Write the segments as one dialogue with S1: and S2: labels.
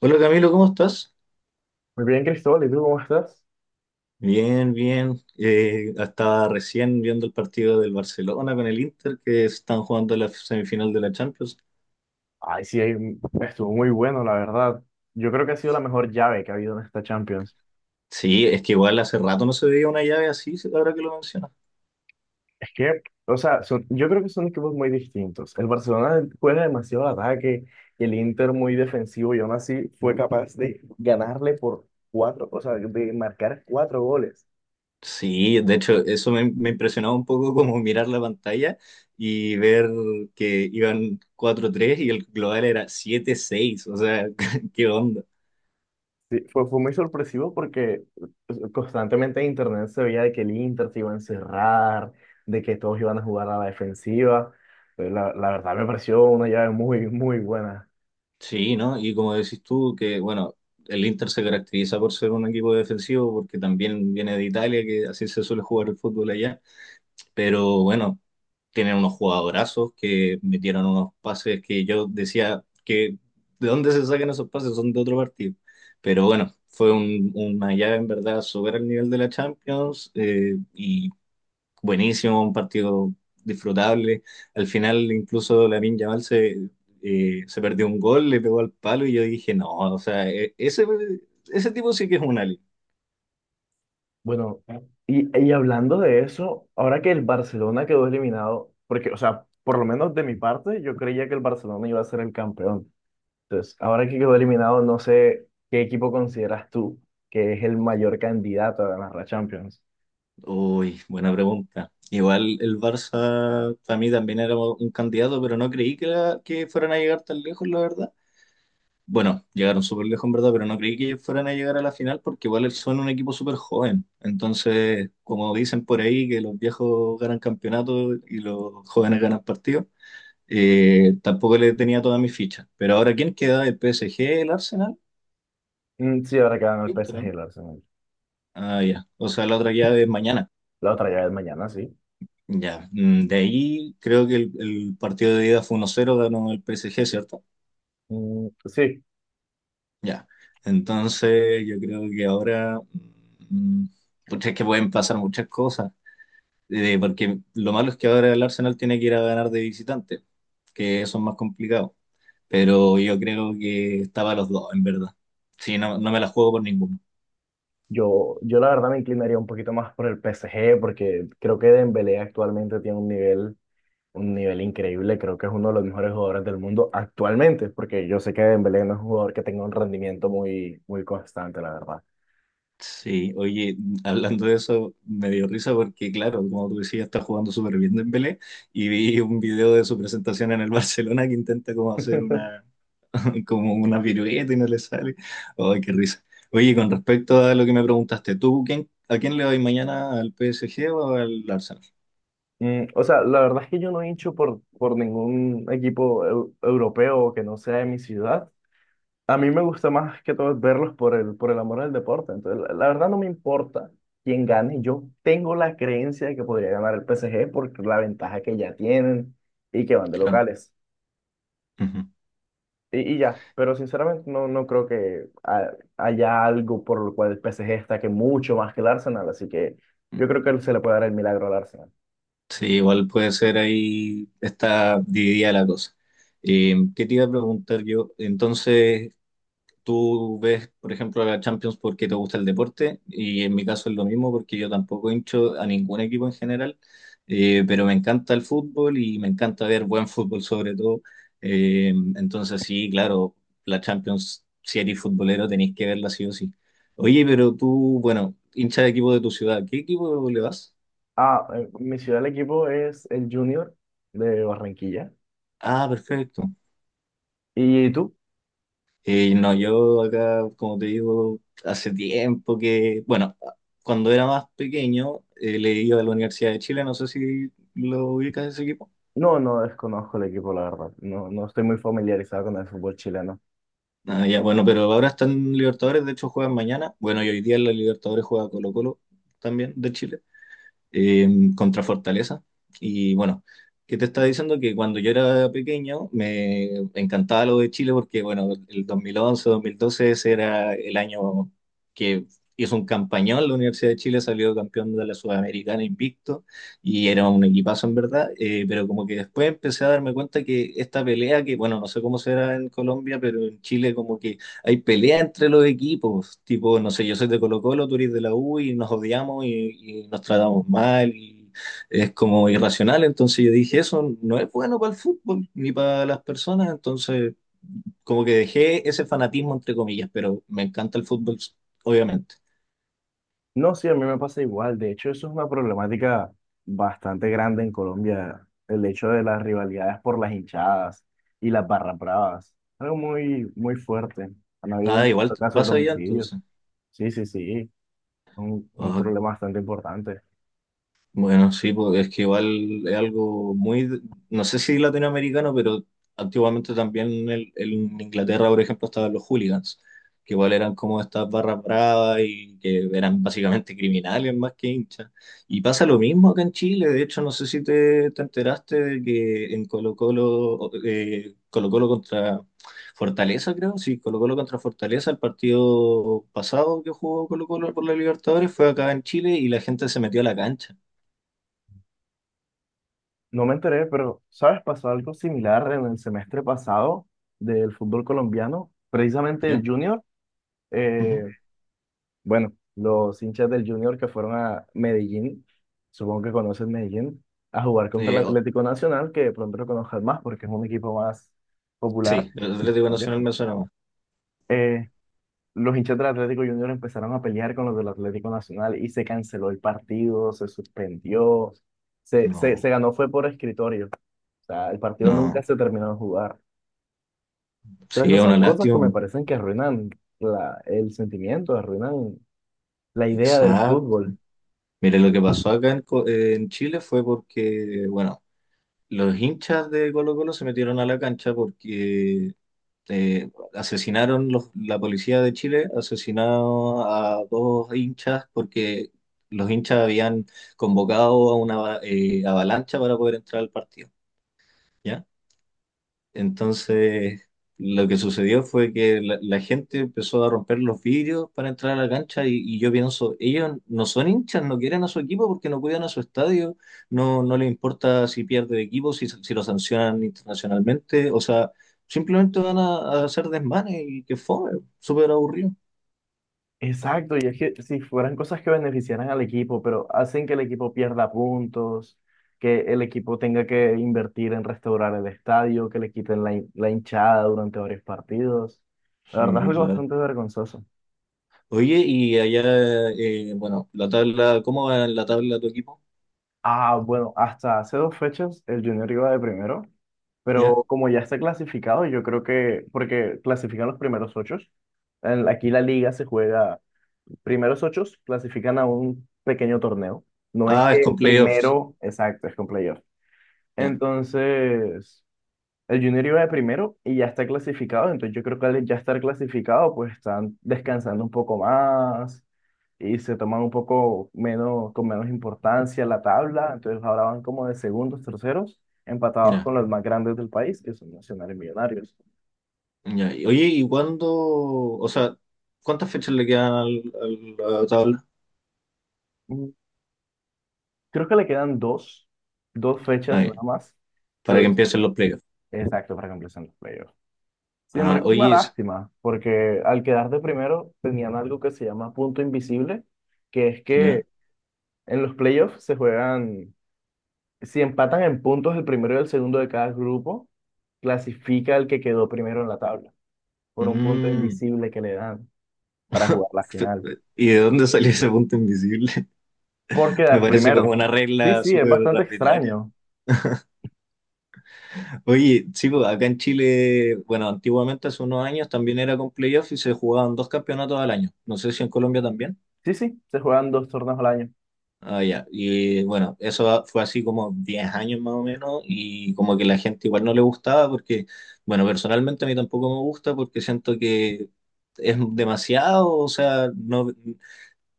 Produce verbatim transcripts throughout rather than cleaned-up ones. S1: Hola Camilo, ¿cómo estás?
S2: Muy bien, Cristóbal, ¿y tú cómo estás?
S1: Bien, bien. Eh, estaba recién viendo el partido del Barcelona con el Inter que están jugando la semifinal de la Champions.
S2: Ay, sí, ahí estuvo muy bueno, la verdad. Yo creo que ha sido la mejor llave que ha habido en esta Champions.
S1: Sí, es que igual hace rato no se veía una llave así, ahora que lo mencionas.
S2: Es que, o sea, son- yo creo que son equipos muy distintos. El Barcelona juega demasiado al ataque, y el Inter muy defensivo y aún así fue capaz de ganarle por cuatro, o sea, de marcar cuatro goles.
S1: Sí, de hecho, eso me, me impresionaba un poco como mirar la pantalla y ver que iban cuatro tres y el global era siete seis, o sea, ¿qué onda?
S2: Sí, fue, fue muy sorpresivo porque pues, constantemente en internet se veía de que el Inter se iba a encerrar, de que todos iban a jugar a la defensiva. Eh, La, la verdad me pareció una llave muy, muy buena.
S1: Sí, ¿no? Y como decís tú, que bueno, el Inter se caracteriza por ser un equipo defensivo, porque también viene de Italia, que así se suele jugar el fútbol allá, pero bueno, tienen unos jugadorazos que metieron unos pases que yo decía que de dónde se sacan esos pases, son de otro partido. Pero bueno, fue un- una llave en verdad, supera el nivel de la Champions eh, y buenísimo, un partido disfrutable. Al final, incluso Lamine Yamal se, eh, se perdió un gol, le pegó al palo y yo dije, no, o sea, e- ese, ese tipo sí que es un alien.
S2: Bueno, y, y hablando de eso, ahora que el Barcelona quedó eliminado, porque, o sea, por lo menos de mi parte, yo creía que el Barcelona iba a ser el campeón. Entonces, ahora que quedó eliminado, no sé qué equipo consideras tú que es el mayor candidato a ganar la Champions.
S1: Uy, buena pregunta. Igual el Barça para mí también era un candidato, pero no creí que, la- que fueran a llegar tan lejos, la verdad. Bueno, llegaron súper lejos en verdad, pero no creí que fueran a llegar a la final porque igual son un equipo súper joven. Entonces, como dicen por ahí, que los viejos ganan campeonatos y los jóvenes ganan partidos. Eh, tampoco le tenía todas mis fichas. Pero ahora, ¿quién queda? ¿El P S G, el Arsenal?
S2: Mm, sí, ahora que gana el
S1: Listo,
S2: P S G,
S1: ¿no?
S2: el Arsenal.
S1: Ah, ya. O sea, la otra llave es mañana.
S2: La otra ya es mañana, sí.
S1: Ya. Mm, De ahí creo que el, el partido de ida fue uno cero, ganó el P S G, ¿cierto?
S2: Mm, sí,
S1: Ya. Entonces, yo creo que ahora, mm, pucha, es que pueden pasar muchas cosas. Eh, porque lo malo es que ahora el Arsenal tiene que ir a ganar de visitante, que eso es más complicado. Pero yo creo que estaba los dos, en verdad. Sí, no, no me la juego por ninguno.
S2: yo, yo la verdad me inclinaría un poquito más por el P S G porque creo que Dembélé actualmente tiene un nivel, un nivel increíble. Creo que es uno de los mejores jugadores del mundo actualmente, porque yo sé que Dembélé no es un jugador que tenga un rendimiento muy, muy constante, la verdad.
S1: Sí, oye, hablando de eso, me dio risa porque, claro, como tú decías, está jugando súper bien Dembélé y vi un video de su presentación en el Barcelona, que intenta como hacer una, como una pirueta y no le sale. Ay, qué risa. Oye, con respecto a lo que me preguntaste, ¿tú quién, a quién le vas mañana? ¿Al P S G o al Arsenal?
S2: Mm, o sea, la verdad es que yo no hincho por, por ningún equipo eu- europeo que no sea de mi ciudad. A mí me gusta más que todo verlos por el, por el amor al deporte. Entonces, la, la verdad no me importa quién gane. Yo tengo la creencia de que podría ganar el P S G por la ventaja que ya tienen y que van de
S1: Claro.
S2: locales.
S1: Ujú.
S2: Y, y ya, pero sinceramente no, no creo que ha- haya algo por lo cual el P S G destaque mucho más que el Arsenal. Así que yo creo que se le puede dar el milagro al Arsenal.
S1: Sí, igual puede ser, ahí está dividida la cosa. Eh, ¿qué te iba a preguntar yo? Entonces, tú ves, por ejemplo, a la Champions porque te gusta el deporte, y en mi caso es lo mismo porque yo tampoco hincho a ningún equipo en general, eh, pero me encanta el fútbol y me encanta ver buen fútbol sobre todo. Eh, entonces sí, claro, la Champions, si eres futbolero, tenéis que verla sí o sí. Oye, pero tú, bueno, hincha de equipo de tu ciudad, ¿qué equipo le vas?
S2: Ah, eh, mi ciudad, el equipo es el Junior de Barranquilla.
S1: Ah, perfecto.
S2: ¿Y tú?
S1: Eh, no, yo acá, como te digo, hace tiempo que, bueno, cuando era más pequeño, eh, le iba a la Universidad de Chile, no sé si lo ubicas ese equipo.
S2: No, no desconozco el equipo, la verdad. No, no estoy muy familiarizado con el fútbol chileno.
S1: Ah, ya, bueno, pero ahora están en Libertadores, de hecho juegan mañana. Bueno, y hoy día en la Libertadores juega Colo-Colo, también de Chile, eh, contra Fortaleza. Y bueno, ¿qué te estaba diciendo? Que cuando yo era pequeño me encantaba lo de Chile porque, bueno, el dos mil once, dos mil doce ese era el año que hizo un campañón. La Universidad de Chile salió campeón de la Sudamericana invicto y era un equipazo, en verdad. Eh, pero como que después empecé a darme cuenta que esta pelea, que bueno, no sé cómo será en Colombia, pero en Chile como que hay pelea entre los equipos, tipo, no sé, yo soy de Colo Colo, tú eres de la U y nos odiamos y, y nos tratamos mal, y es como irracional. Entonces yo dije, eso no es bueno para el fútbol ni para las personas, entonces como que dejé ese fanatismo entre comillas, pero me encanta el fútbol, obviamente.
S2: No, sí, a mí me pasa igual. De hecho, eso es una problemática bastante grande en Colombia, el hecho de las rivalidades por las hinchadas y las barras bravas. Algo muy, muy fuerte. Han habido
S1: Ah, igual
S2: incluso casos de
S1: pasa ya,
S2: homicidios.
S1: entonces.
S2: Sí, sí, sí. Un, un
S1: Ah,
S2: problema bastante importante.
S1: bueno, sí, porque es que igual es algo muy, no sé si latinoamericano, pero antiguamente también en, el- en Inglaterra, por ejemplo, estaban los hooligans, que igual eran como estas barras bravas y que eran básicamente criminales más que hinchas. Y pasa lo mismo acá en Chile, de hecho, no sé si te, te enteraste de que en Colo-Colo, eh, Colo-Colo contra Fortaleza, creo, sí, Colo-Colo contra Fortaleza, el partido pasado que jugó Colo-Colo por la Libertadores fue acá en Chile, y la gente se metió a la cancha.
S2: No me enteré, pero, ¿sabes? Pasó algo similar en el semestre pasado del fútbol colombiano. Precisamente el
S1: ¿Ya?
S2: Junior.
S1: Ujú.
S2: eh, Bueno, los hinchas del Junior que fueron a Medellín, supongo que conocen Medellín, a jugar contra el
S1: Eh, o-
S2: Atlético Nacional, que de pronto lo conozcan más porque es un equipo más popular.
S1: sí, el Atlético
S2: ¿Ok?
S1: Nacional me suena más.
S2: Eh, los hinchas del Atlético Junior empezaron a pelear con los del Atlético Nacional y se canceló el partido, se suspendió, se, se,
S1: No,
S2: se ganó fue por escritorio. O sea, el partido nunca
S1: no.
S2: se terminó de jugar. Entonces,
S1: Sí, es
S2: esas son
S1: una
S2: cosas que me
S1: lástima.
S2: parecen que arruinan la, el sentimiento, arruinan la idea del
S1: Exacto.
S2: fútbol.
S1: Mire, lo que pasó acá en, Co- eh, en Chile fue porque, bueno, los hinchas de Colo Colo se metieron a la cancha porque eh, asesinaron los- la policía de Chile, asesinaron a dos hinchas porque los hinchas habían convocado a una eh, avalancha para poder entrar al partido. ¿Ya? Entonces, lo que sucedió fue que la, la gente empezó a romper los vidrios para entrar a la cancha, y, y yo pienso, ellos no son hinchas, no quieren a su equipo porque no cuidan a su estadio, no, no les importa si pierde el equipo, si, si lo sancionan internacionalmente, o sea, simplemente van a, a hacer desmanes, y que fue súper aburrido.
S2: Exacto, y es que si fueran cosas que beneficiaran al equipo, pero hacen que el equipo pierda puntos, que el equipo tenga que invertir en restaurar el estadio, que le quiten la, hin- la hinchada durante varios partidos. La verdad es
S1: Sí,
S2: algo
S1: claro.
S2: bastante vergonzoso.
S1: Oye, y allá, eh, bueno, la tabla, ¿cómo va en la tabla tu equipo?
S2: Ah, bueno, hasta hace dos fechas el Junior iba de primero,
S1: ¿Ya?
S2: pero como ya está clasificado, yo creo que, porque clasifican los primeros ocho, en- aquí la liga se juega primeros ocho clasifican a un pequeño torneo. No es
S1: Ah, es
S2: que el
S1: con playoffs.
S2: primero, exacto, es con playoff.
S1: Ya,
S2: Entonces, el Junior iba de primero y ya está clasificado. Entonces, yo creo que al ya estar clasificado, pues están descansando un poco más y se toman un poco menos, con menos importancia la tabla. Entonces, ahora van como de segundos, terceros, empatados
S1: ya.
S2: con los más grandes del país, que son Nacional y Millonarios.
S1: Ya, y- oye, ¿y cuándo? O sea, ¿cuántas fechas le quedan al, al- a la tabla?
S2: Mm, Creo que le quedan dos, dos
S1: Ah,
S2: fechas
S1: ya,
S2: nada más.
S1: para que
S2: Entonces,
S1: empiecen los playoffs.
S2: Exacto, para que empiecen los playoffs. Sin
S1: Ah,
S2: embargo, es una
S1: oye, es-
S2: lástima, porque al quedar de primero tenían algo que se llama punto invisible, que es
S1: ya.
S2: que en los playoffs se juegan, si empatan en puntos el primero y el segundo de cada grupo, clasifica el que quedó primero en la tabla, por un punto
S1: Mm,
S2: invisible que le dan para jugar la
S1: fe-
S2: final,
S1: ¿Y de dónde salió ese punto invisible?
S2: por
S1: Me
S2: quedar
S1: parece
S2: primero.
S1: como una
S2: Sí,
S1: regla
S2: sí, es
S1: súper
S2: bastante
S1: arbitraria.
S2: extraño.
S1: Oye, sí, pues, acá en Chile, bueno, antiguamente hace unos años también era con playoffs y se jugaban dos campeonatos al año. No sé si en Colombia también.
S2: Sí, sí, se juegan dos torneos al año.
S1: Ah, ya. Y bueno, eso fue así como diez años más o menos, y como que la gente igual no le gustaba porque, bueno, personalmente a mí tampoco me gusta porque siento que es demasiado, o sea, no,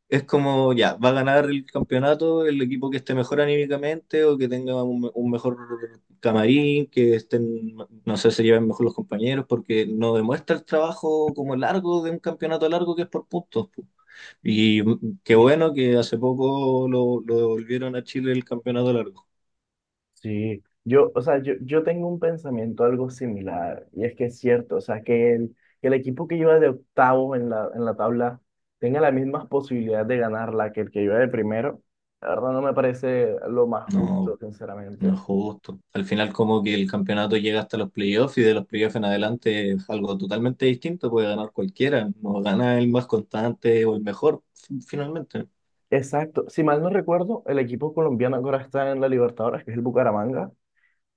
S1: es como, ya, va a ganar el campeonato el equipo que esté mejor anímicamente o que tenga un, un mejor camarín, que estén, no sé, se lleven mejor los compañeros, porque no demuestra el trabajo como largo, de un campeonato largo que es por puntos. Y mm, qué bueno que hace poco lo, lo devolvieron a Chile el campeonato largo.
S2: Sí, yo, o sea, yo, yo tengo un pensamiento algo similar, y es que es cierto, o sea, que el, que el equipo que lleva de octavo en la, en la tabla tenga las mismas posibilidades de ganarla que el que lleva de primero, la verdad no me parece lo más justo,
S1: No, no
S2: sinceramente.
S1: es justo. Al final como que el campeonato llega hasta los playoffs, y de los playoffs en adelante es algo totalmente distinto. Puede ganar cualquiera. No gana el más constante o el mejor, fi- finalmente.
S2: Exacto, si mal no recuerdo, el equipo colombiano que ahora está en la Libertadores, que es el Bucaramanga,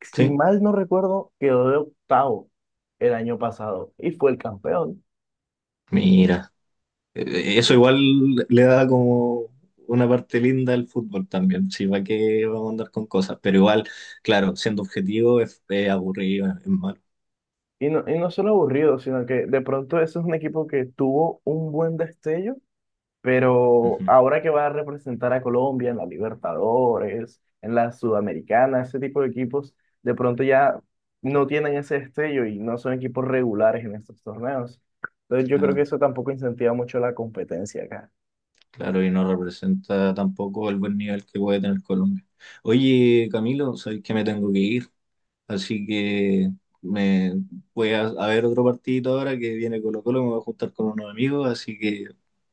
S2: si
S1: Sí,
S2: mal no recuerdo, quedó de octavo el año pasado y fue el campeón.
S1: mira. eh, Eso igual le da como una parte linda al fútbol también. Sí, va que vamos a andar con cosas. Pero igual, claro, siendo objetivo es, es, aburrido, es malo.
S2: Y no, y no solo aburrido, sino que de pronto ese es un equipo que tuvo un buen destello, pero
S1: Ujú.
S2: ahora que va a representar a Colombia en la Libertadores, en la Sudamericana, ese tipo de equipos, de pronto ya no tienen ese destello y no son equipos regulares en estos torneos. Entonces yo creo que
S1: Claro.
S2: eso tampoco incentiva mucho la competencia acá.
S1: Claro, y no representa tampoco el buen nivel que puede tener Colombia. Oye, Camilo, sabes que me tengo que ir, así que me voy a, a ver otro partidito ahora que viene Colo Colo, me voy a juntar con unos amigos, así que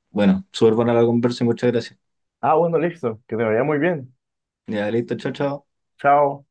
S1: bueno, súper buena la conversa y muchas gracias.
S2: Ah, bueno, listo, que te vaya muy bien.
S1: Ya, listo, chao, chao.
S2: Chao.